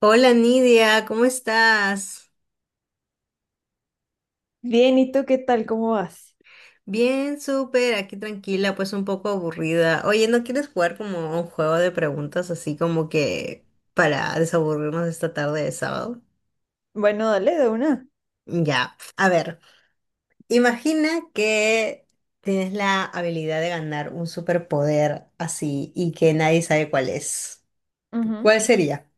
Hola Nidia, ¿cómo estás? Bien, ¿y tú qué tal? ¿Cómo vas? Bien, súper, aquí tranquila, pues un poco aburrida. Oye, ¿no quieres jugar como a un juego de preguntas así como que para desaburrirnos esta tarde de sábado? Bueno, dale de una. Ya, a ver, imagina que tienes la habilidad de ganar un superpoder así y que nadie sabe cuál es. Ujú. ¿Cuál sería?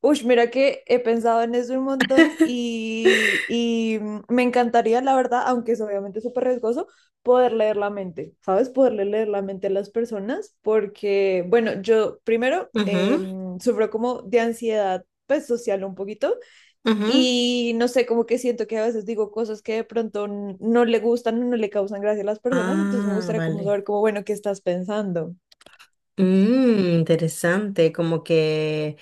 Uy, mira que he pensado en eso un montón y me encantaría, la verdad, aunque es obviamente súper riesgoso, poder leer la mente, ¿sabes? Poderle leer la mente a las personas porque, bueno, yo primero Ujú, sufro como de ansiedad, pues social un poquito, ujú. y no sé, como que siento que a veces digo cosas que de pronto no le gustan o no le causan gracia a las personas, entonces me Ah, gustaría como vale. saber como, bueno, ¿qué estás pensando? Interesante, como que...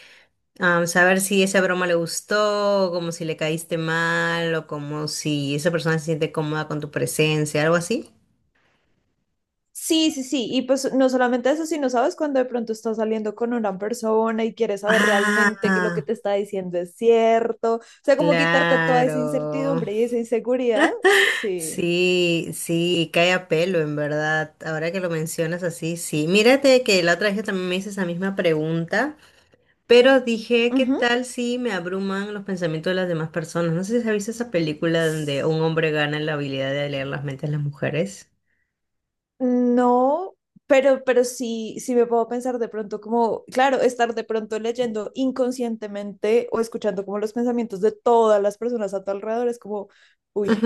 am, saber si esa broma le gustó, como si le caíste mal, o como si esa persona se siente cómoda con tu presencia, algo así. Sí, sí, sí. Y pues no solamente eso, sino sabes cuando de pronto estás saliendo con una persona y quieres saber realmente que lo que Ah, te está diciendo es cierto. O sea, como quitarte toda esa claro. incertidumbre y esa inseguridad. Sí. Sí, sí, cae a pelo, en verdad. Ahora que lo mencionas así, sí. Mírate que la otra vez yo también me hice esa misma pregunta, pero dije, ¿qué Ujú. tal si me abruman los pensamientos de las demás personas? No sé si has visto esa película donde un hombre gana la habilidad de leer las mentes de las mujeres. No, pero sí, sí me puedo pensar de pronto como, claro, estar de pronto leyendo inconscientemente o escuchando como los pensamientos de todas las personas a tu alrededor es como, uy,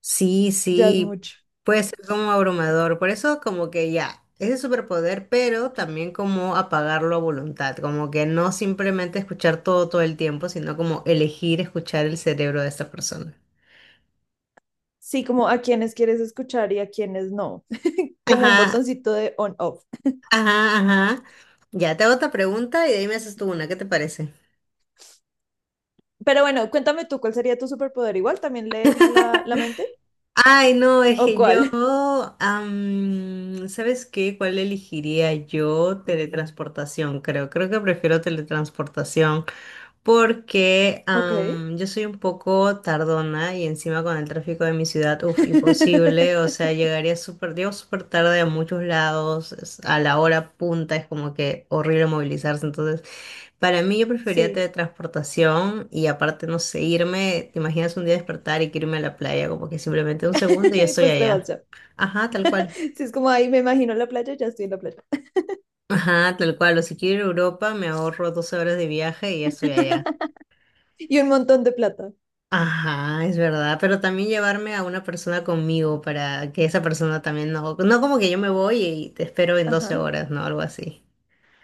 Sí, ya es sí, mucho. puede ser como abrumador, por eso como que ya, es el superpoder, pero también como apagarlo a voluntad, como que no simplemente escuchar todo todo el tiempo, sino como elegir escuchar el cerebro de esta persona. Sí, como a quienes quieres escuchar y a quienes no, como un Ajá, botoncito de on-off. ajá, ajá. Ya, te hago otra pregunta y de ahí me haces tú una, ¿qué te parece? Pero bueno, cuéntame tú, ¿cuál sería tu superpoder? ¿Igual también leer la mente? Ay, no, es ¿O que cuál? yo, ¿sabes qué? ¿Cuál elegiría yo? Teletransportación, creo. Creo que prefiero teletransportación. porque Ok. am, yo soy un poco tardona y encima con el tráfico de mi ciudad, uff, imposible, o sea, llego súper tarde a muchos lados, a la hora punta es como que horrible movilizarse. Entonces, para mí yo prefería Sí, teletransportación y aparte, no sé, irme, te imaginas un día despertar y que irme a la playa, como que simplemente un segundo y ya y estoy pues te vas allá. ya. Ajá, tal cual. Sí, es como ahí me imagino la playa, ya estoy en la playa. Ajá, tal cual, o si quiero ir a Europa me ahorro 12 horas de viaje y ya estoy allá. Y un montón de plata. Ajá, es verdad, pero también llevarme a una persona conmigo para que esa persona también no como que yo me voy y te espero en doce Ajá. horas, ¿no? Algo así.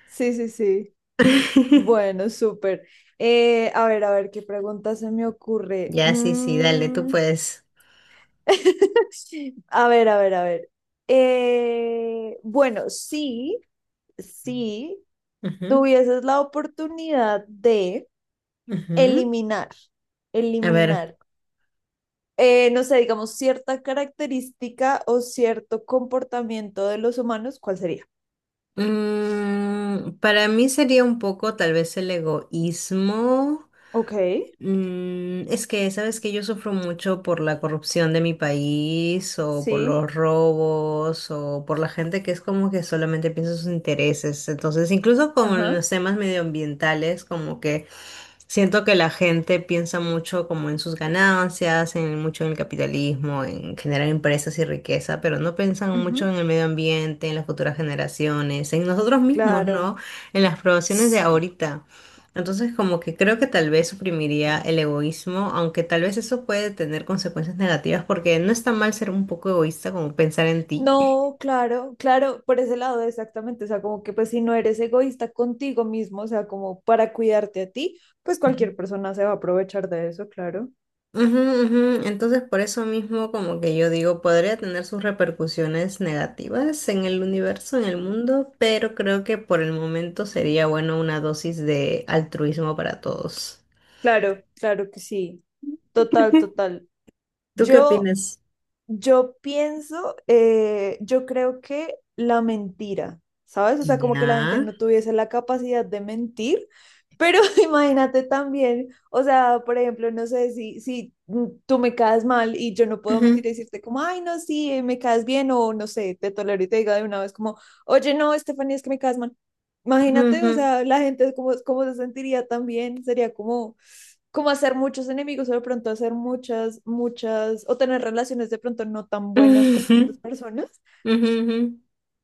Sí, sí, sí. Bueno, súper. A ver, ¿qué pregunta se me ocurre? Ya, sí, sí, dale, tú Mm. puedes. A ver, a ver, a ver. Bueno, sí, sí, Ujú, tuvieses la oportunidad de ujú. eliminar, A ver, eliminar, no sé, digamos, cierta característica o cierto comportamiento de los humanos, ¿cuál sería? mm, para mí sería un poco tal vez el egoísmo. Ok, Es que, sabes que yo sufro mucho por la corrupción de mi país o por sí, los robos o por la gente que es como que solamente piensa en sus intereses. Entonces, incluso con ajá, los temas medioambientales, como que siento que la gente piensa mucho como en sus ganancias, en mucho en el capitalismo, en generar empresas y riqueza, pero no piensan mucho ujú, en el medio ambiente, en las futuras generaciones, en nosotros mismos, claro, ¿no? En las poblaciones de sí. ahorita. Entonces, como que creo que tal vez suprimiría el egoísmo, aunque tal vez eso puede tener consecuencias negativas, porque no está mal ser un poco egoísta, como pensar en ti. No, claro, claro, por ese lado exactamente, o sea, como que pues si no eres egoísta contigo mismo, o sea, como para cuidarte a ti, pues cualquier persona se va a aprovechar de eso, claro. Ujú, ujú. Entonces, por eso mismo, como que yo digo, podría tener sus repercusiones negativas en el universo, en el mundo, pero creo que por el momento sería bueno una dosis de altruismo para todos. Claro, claro que sí, total, total. ¿Tú qué Yo opinas? Yo pienso, yo creo que la mentira, ¿sabes? O sea, como que la gente Ya. no tuviese la capacidad de mentir, pero imagínate también, o sea, por ejemplo, no sé si tú me caes mal y yo no puedo mentir Ujú, y decirte como, ay, no, sí, me caes bien, o no sé, te tolero y te diga de una vez como, oye, no, Estefanía, es que me caes mal. Imagínate, o ujú, sea, la gente, ¿cómo, cómo se sentiría también? Sería como, como hacer muchos enemigos o de pronto hacer muchas, muchas, o tener relaciones de pronto no tan buenas con ujú. otras personas, Ujú, ujú, ujú.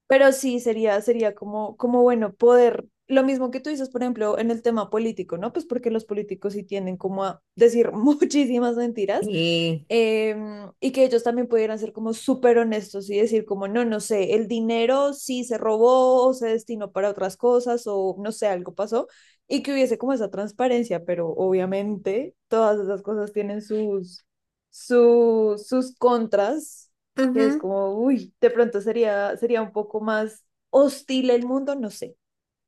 pero sí, sería, sería como, como bueno poder, lo mismo que tú dices, por ejemplo, en el tema político, ¿no? Pues porque los políticos sí tienden como a decir muchísimas mentiras, Y y que ellos también pudieran ser como súper honestos y decir como, no, no sé, el dinero sí se robó o se destinó para otras cosas o no sé, algo pasó y que hubiese como esa transparencia, pero obviamente todas esas cosas tienen sus contras que es ujú. como, uy, de pronto sería, sería un poco más hostil el mundo, no sé.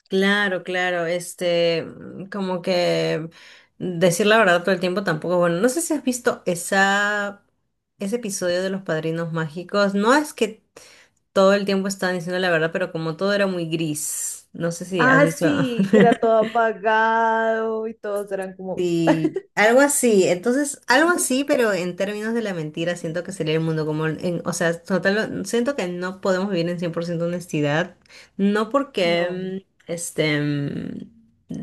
Claro, claro, como que decir la verdad todo el tiempo tampoco es bueno. No sé si has visto esa, ese episodio de Los Padrinos Mágicos. No es que todo el tiempo estaban diciendo la verdad, pero como todo era muy gris. No sé si has Ah, visto. sí, que era todo apagado y todos eran como, Sí, algo así. Entonces, algo ujú, así, pero en términos de la mentira, siento que sería el mundo como, o sea, total, no, siento que no podemos vivir en 100% honestidad, no no, porque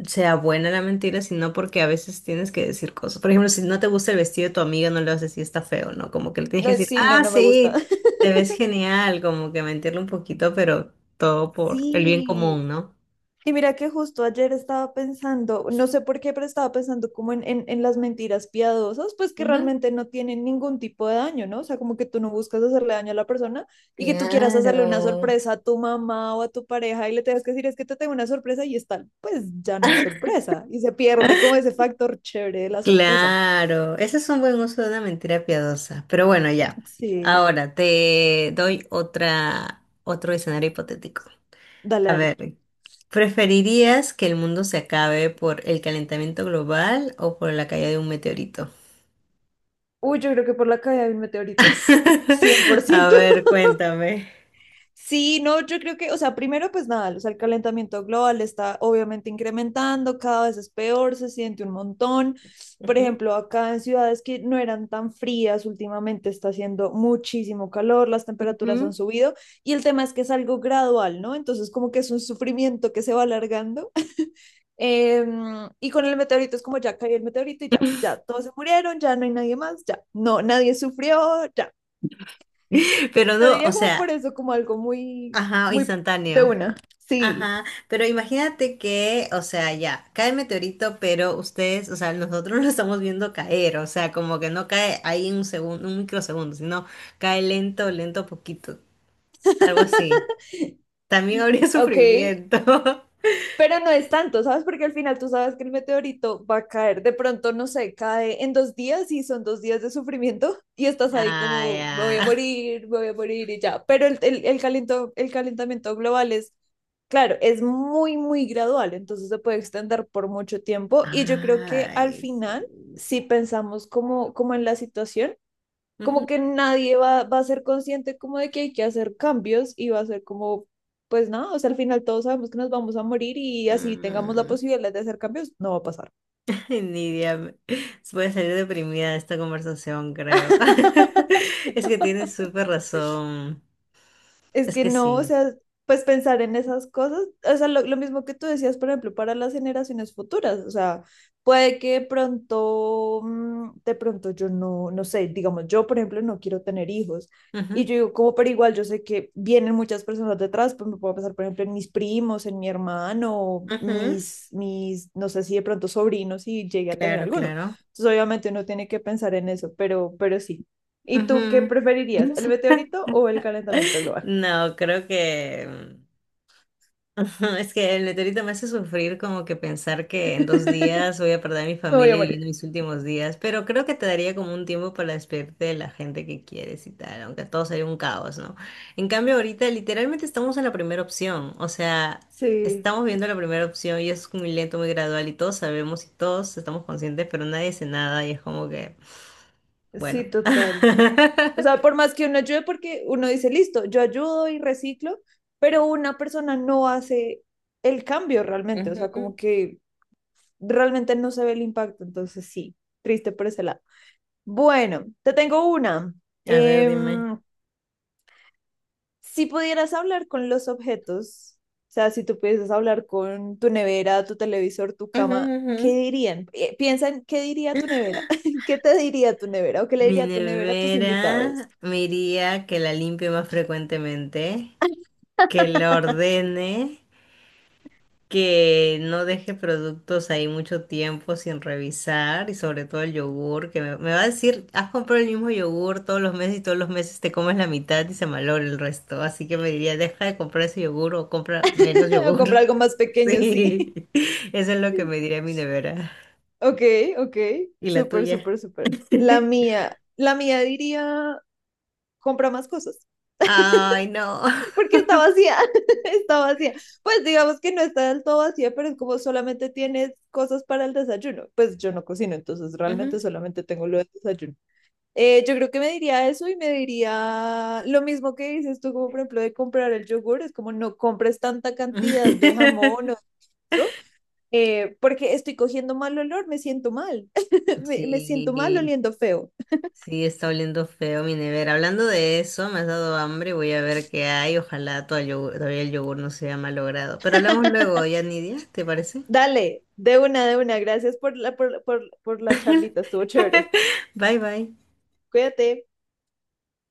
sea buena la mentira, sino porque a veces tienes que decir cosas. Por ejemplo, si no te gusta el vestido de tu amiga, no le vas a decir está feo, ¿no? Como que le tienes que no, decir, sí, no, ah, no me gusta. sí, te ves genial, como que mentirle un poquito, pero todo por el bien Sí, común, ¿no? y mira que justo ayer estaba pensando, no sé por qué, pero estaba pensando como en las mentiras piadosas, pues que Ajá, realmente no tienen ningún tipo de daño, ¿no? O sea, como que tú no buscas hacerle daño a la persona y que tú quieras hacerle una claro. sorpresa a tu mamá o a tu pareja y le tengas que decir, es que te tengo una sorpresa y es tal, pues ya no es sorpresa y se pierde como ese factor chévere de la sorpresa. Claro, ese es un buen uso de una mentira piadosa. Pero bueno, ya. Sí, Ahora te doy otro escenario hipotético. dale, A dale. ver, ¿preferirías que el mundo se acabe por el calentamiento global o por la caída de un meteorito? Uy, yo creo que por la caída de un meteorito, cien por A ciento ver, cuéntame. Sí, no, yo creo que, o sea, primero pues nada, o sea, el calentamiento global está obviamente incrementando, cada vez es peor, se siente un montón. Por Ujú. ejemplo, acá en ciudades que no eran tan frías, últimamente está haciendo muchísimo calor, las temperaturas han Ujú. subido y el tema es que es algo gradual, ¿no? Entonces como que es un sufrimiento que se va alargando. Em, y con el meteorito es como ya cayó el meteorito y ya, ya, todos se murieron, ya no hay nadie más, ya, no, nadie sufrió, ya. Pero Lo no, o diría como sea, por eso, como algo muy, ajá, muy de instantáneo. una. Sí, Ajá, pero imagínate que, o sea, ya, cae el meteorito, pero ustedes, o sea, nosotros lo estamos viendo caer, o sea, como que no cae ahí en un segundo, un microsegundo, sino cae lento, lento, poquito, algo así. También habría ok, sufrimiento. pero no es tanto, ¿sabes? Porque al final tú sabes que el meteorito va a caer, de pronto, no sé, cae en 2 días y son 2 días de sufrimiento y estás ahí Ay, como, me voy ah. a Ya. morir, me voy a morir y ya. Pero el calentamiento global es, claro, es muy, muy gradual, entonces se puede extender por mucho tiempo y yo creo que al Ay, final, sí. si pensamos como, como en la situación, Ujú. como que nadie va a ser consciente como de que hay que hacer cambios y va a ser como, pues nada, o sea, al final todos sabemos que nos vamos a morir y así tengamos la Mm. posibilidad de hacer cambios, no va a pasar. Nidia, voy a salir deprimida de esta conversación, creo. Es que tienes súper razón. Es Es que que no, o sí. sea, pues pensar en esas cosas, o sea, lo mismo que tú decías, por ejemplo, para las generaciones futuras, o sea, puede que de pronto, mm, de pronto yo no, no sé, digamos, yo, por ejemplo, no quiero tener hijos. Y Ujú, yo digo, como, pero igual yo sé que vienen muchas personas detrás, pues me puedo pensar, por ejemplo, en mis primos, en mi hermano, ujú. mis, no sé si de pronto sobrinos, si llegué a tener Claro, alguno. claro. Entonces, obviamente uno tiene que pensar en eso, pero sí. ¿Y tú qué Ujú. preferirías, el meteorito o el calentamiento global? No, creo que es que el meteorito me hace sufrir como que pensar que en dos días voy a perder a mi Me voy familia a viviendo morir. mis últimos días, pero creo que te daría como un tiempo para despedirte de la gente que quieres y tal, aunque todo sería un caos, ¿no? En cambio, ahorita literalmente estamos en la primera opción, o sea, Sí, estamos viendo la primera opción y es muy lento, muy gradual y todos sabemos y todos estamos conscientes, pero nadie hace nada y es como que, sí, bueno. total. O sea, por más que uno ayude, porque uno dice, listo, yo ayudo y reciclo, pero una persona no hace el cambio realmente, o sea, Ujú. como que realmente no se ve el impacto, entonces sí, triste por ese lado. Bueno, te tengo una. A ver, Eh, dime. Si pudieras hablar con los objetos, o sea, si tú pudieras hablar con tu nevera, tu televisor, tu Ujú, cama, ¿qué ujú. dirían? Piensa en qué diría tu nevera, qué te diría tu nevera o qué le Mi diría tu nevera a tus nevera invitados. me iría que la limpie más frecuentemente, que la ordene, que no deje productos ahí mucho tiempo sin revisar y sobre todo el yogur, que me va a decir, has comprado el mismo yogur todos los meses y todos los meses te comes la mitad y se malogra el resto, así que me diría, deja de comprar ese yogur o compra menos O yogur. comprar algo más pequeño, Sí, sí. eso es lo que me diría mi nevera. Ok, ok, ¿Y la súper, tuya? súper, súper. La mía diría, compra más cosas, Ay, no. porque está vacía, está vacía. Pues digamos que no está del todo vacía, pero es como solamente tienes cosas para el desayuno. Pues yo no cocino, entonces Ajá. realmente solamente tengo lo del desayuno. Yo creo que me diría eso y me diría lo mismo que dices tú, como por ejemplo de comprar el yogur, es como no compres tanta cantidad de jamón o eso, porque estoy cogiendo mal olor, me siento mal, me siento mal Sí, oliendo feo. sí, está oliendo feo mi nevera. Hablando de eso, me has dado hambre, voy a ver qué hay. Ojalá todavía el yogur no se haya malogrado. Pero hablamos luego, ya ni Nidia, ¿te parece? Dale, de una, gracias por la charlita, estuvo chévere. Bye, bye. Cuídate.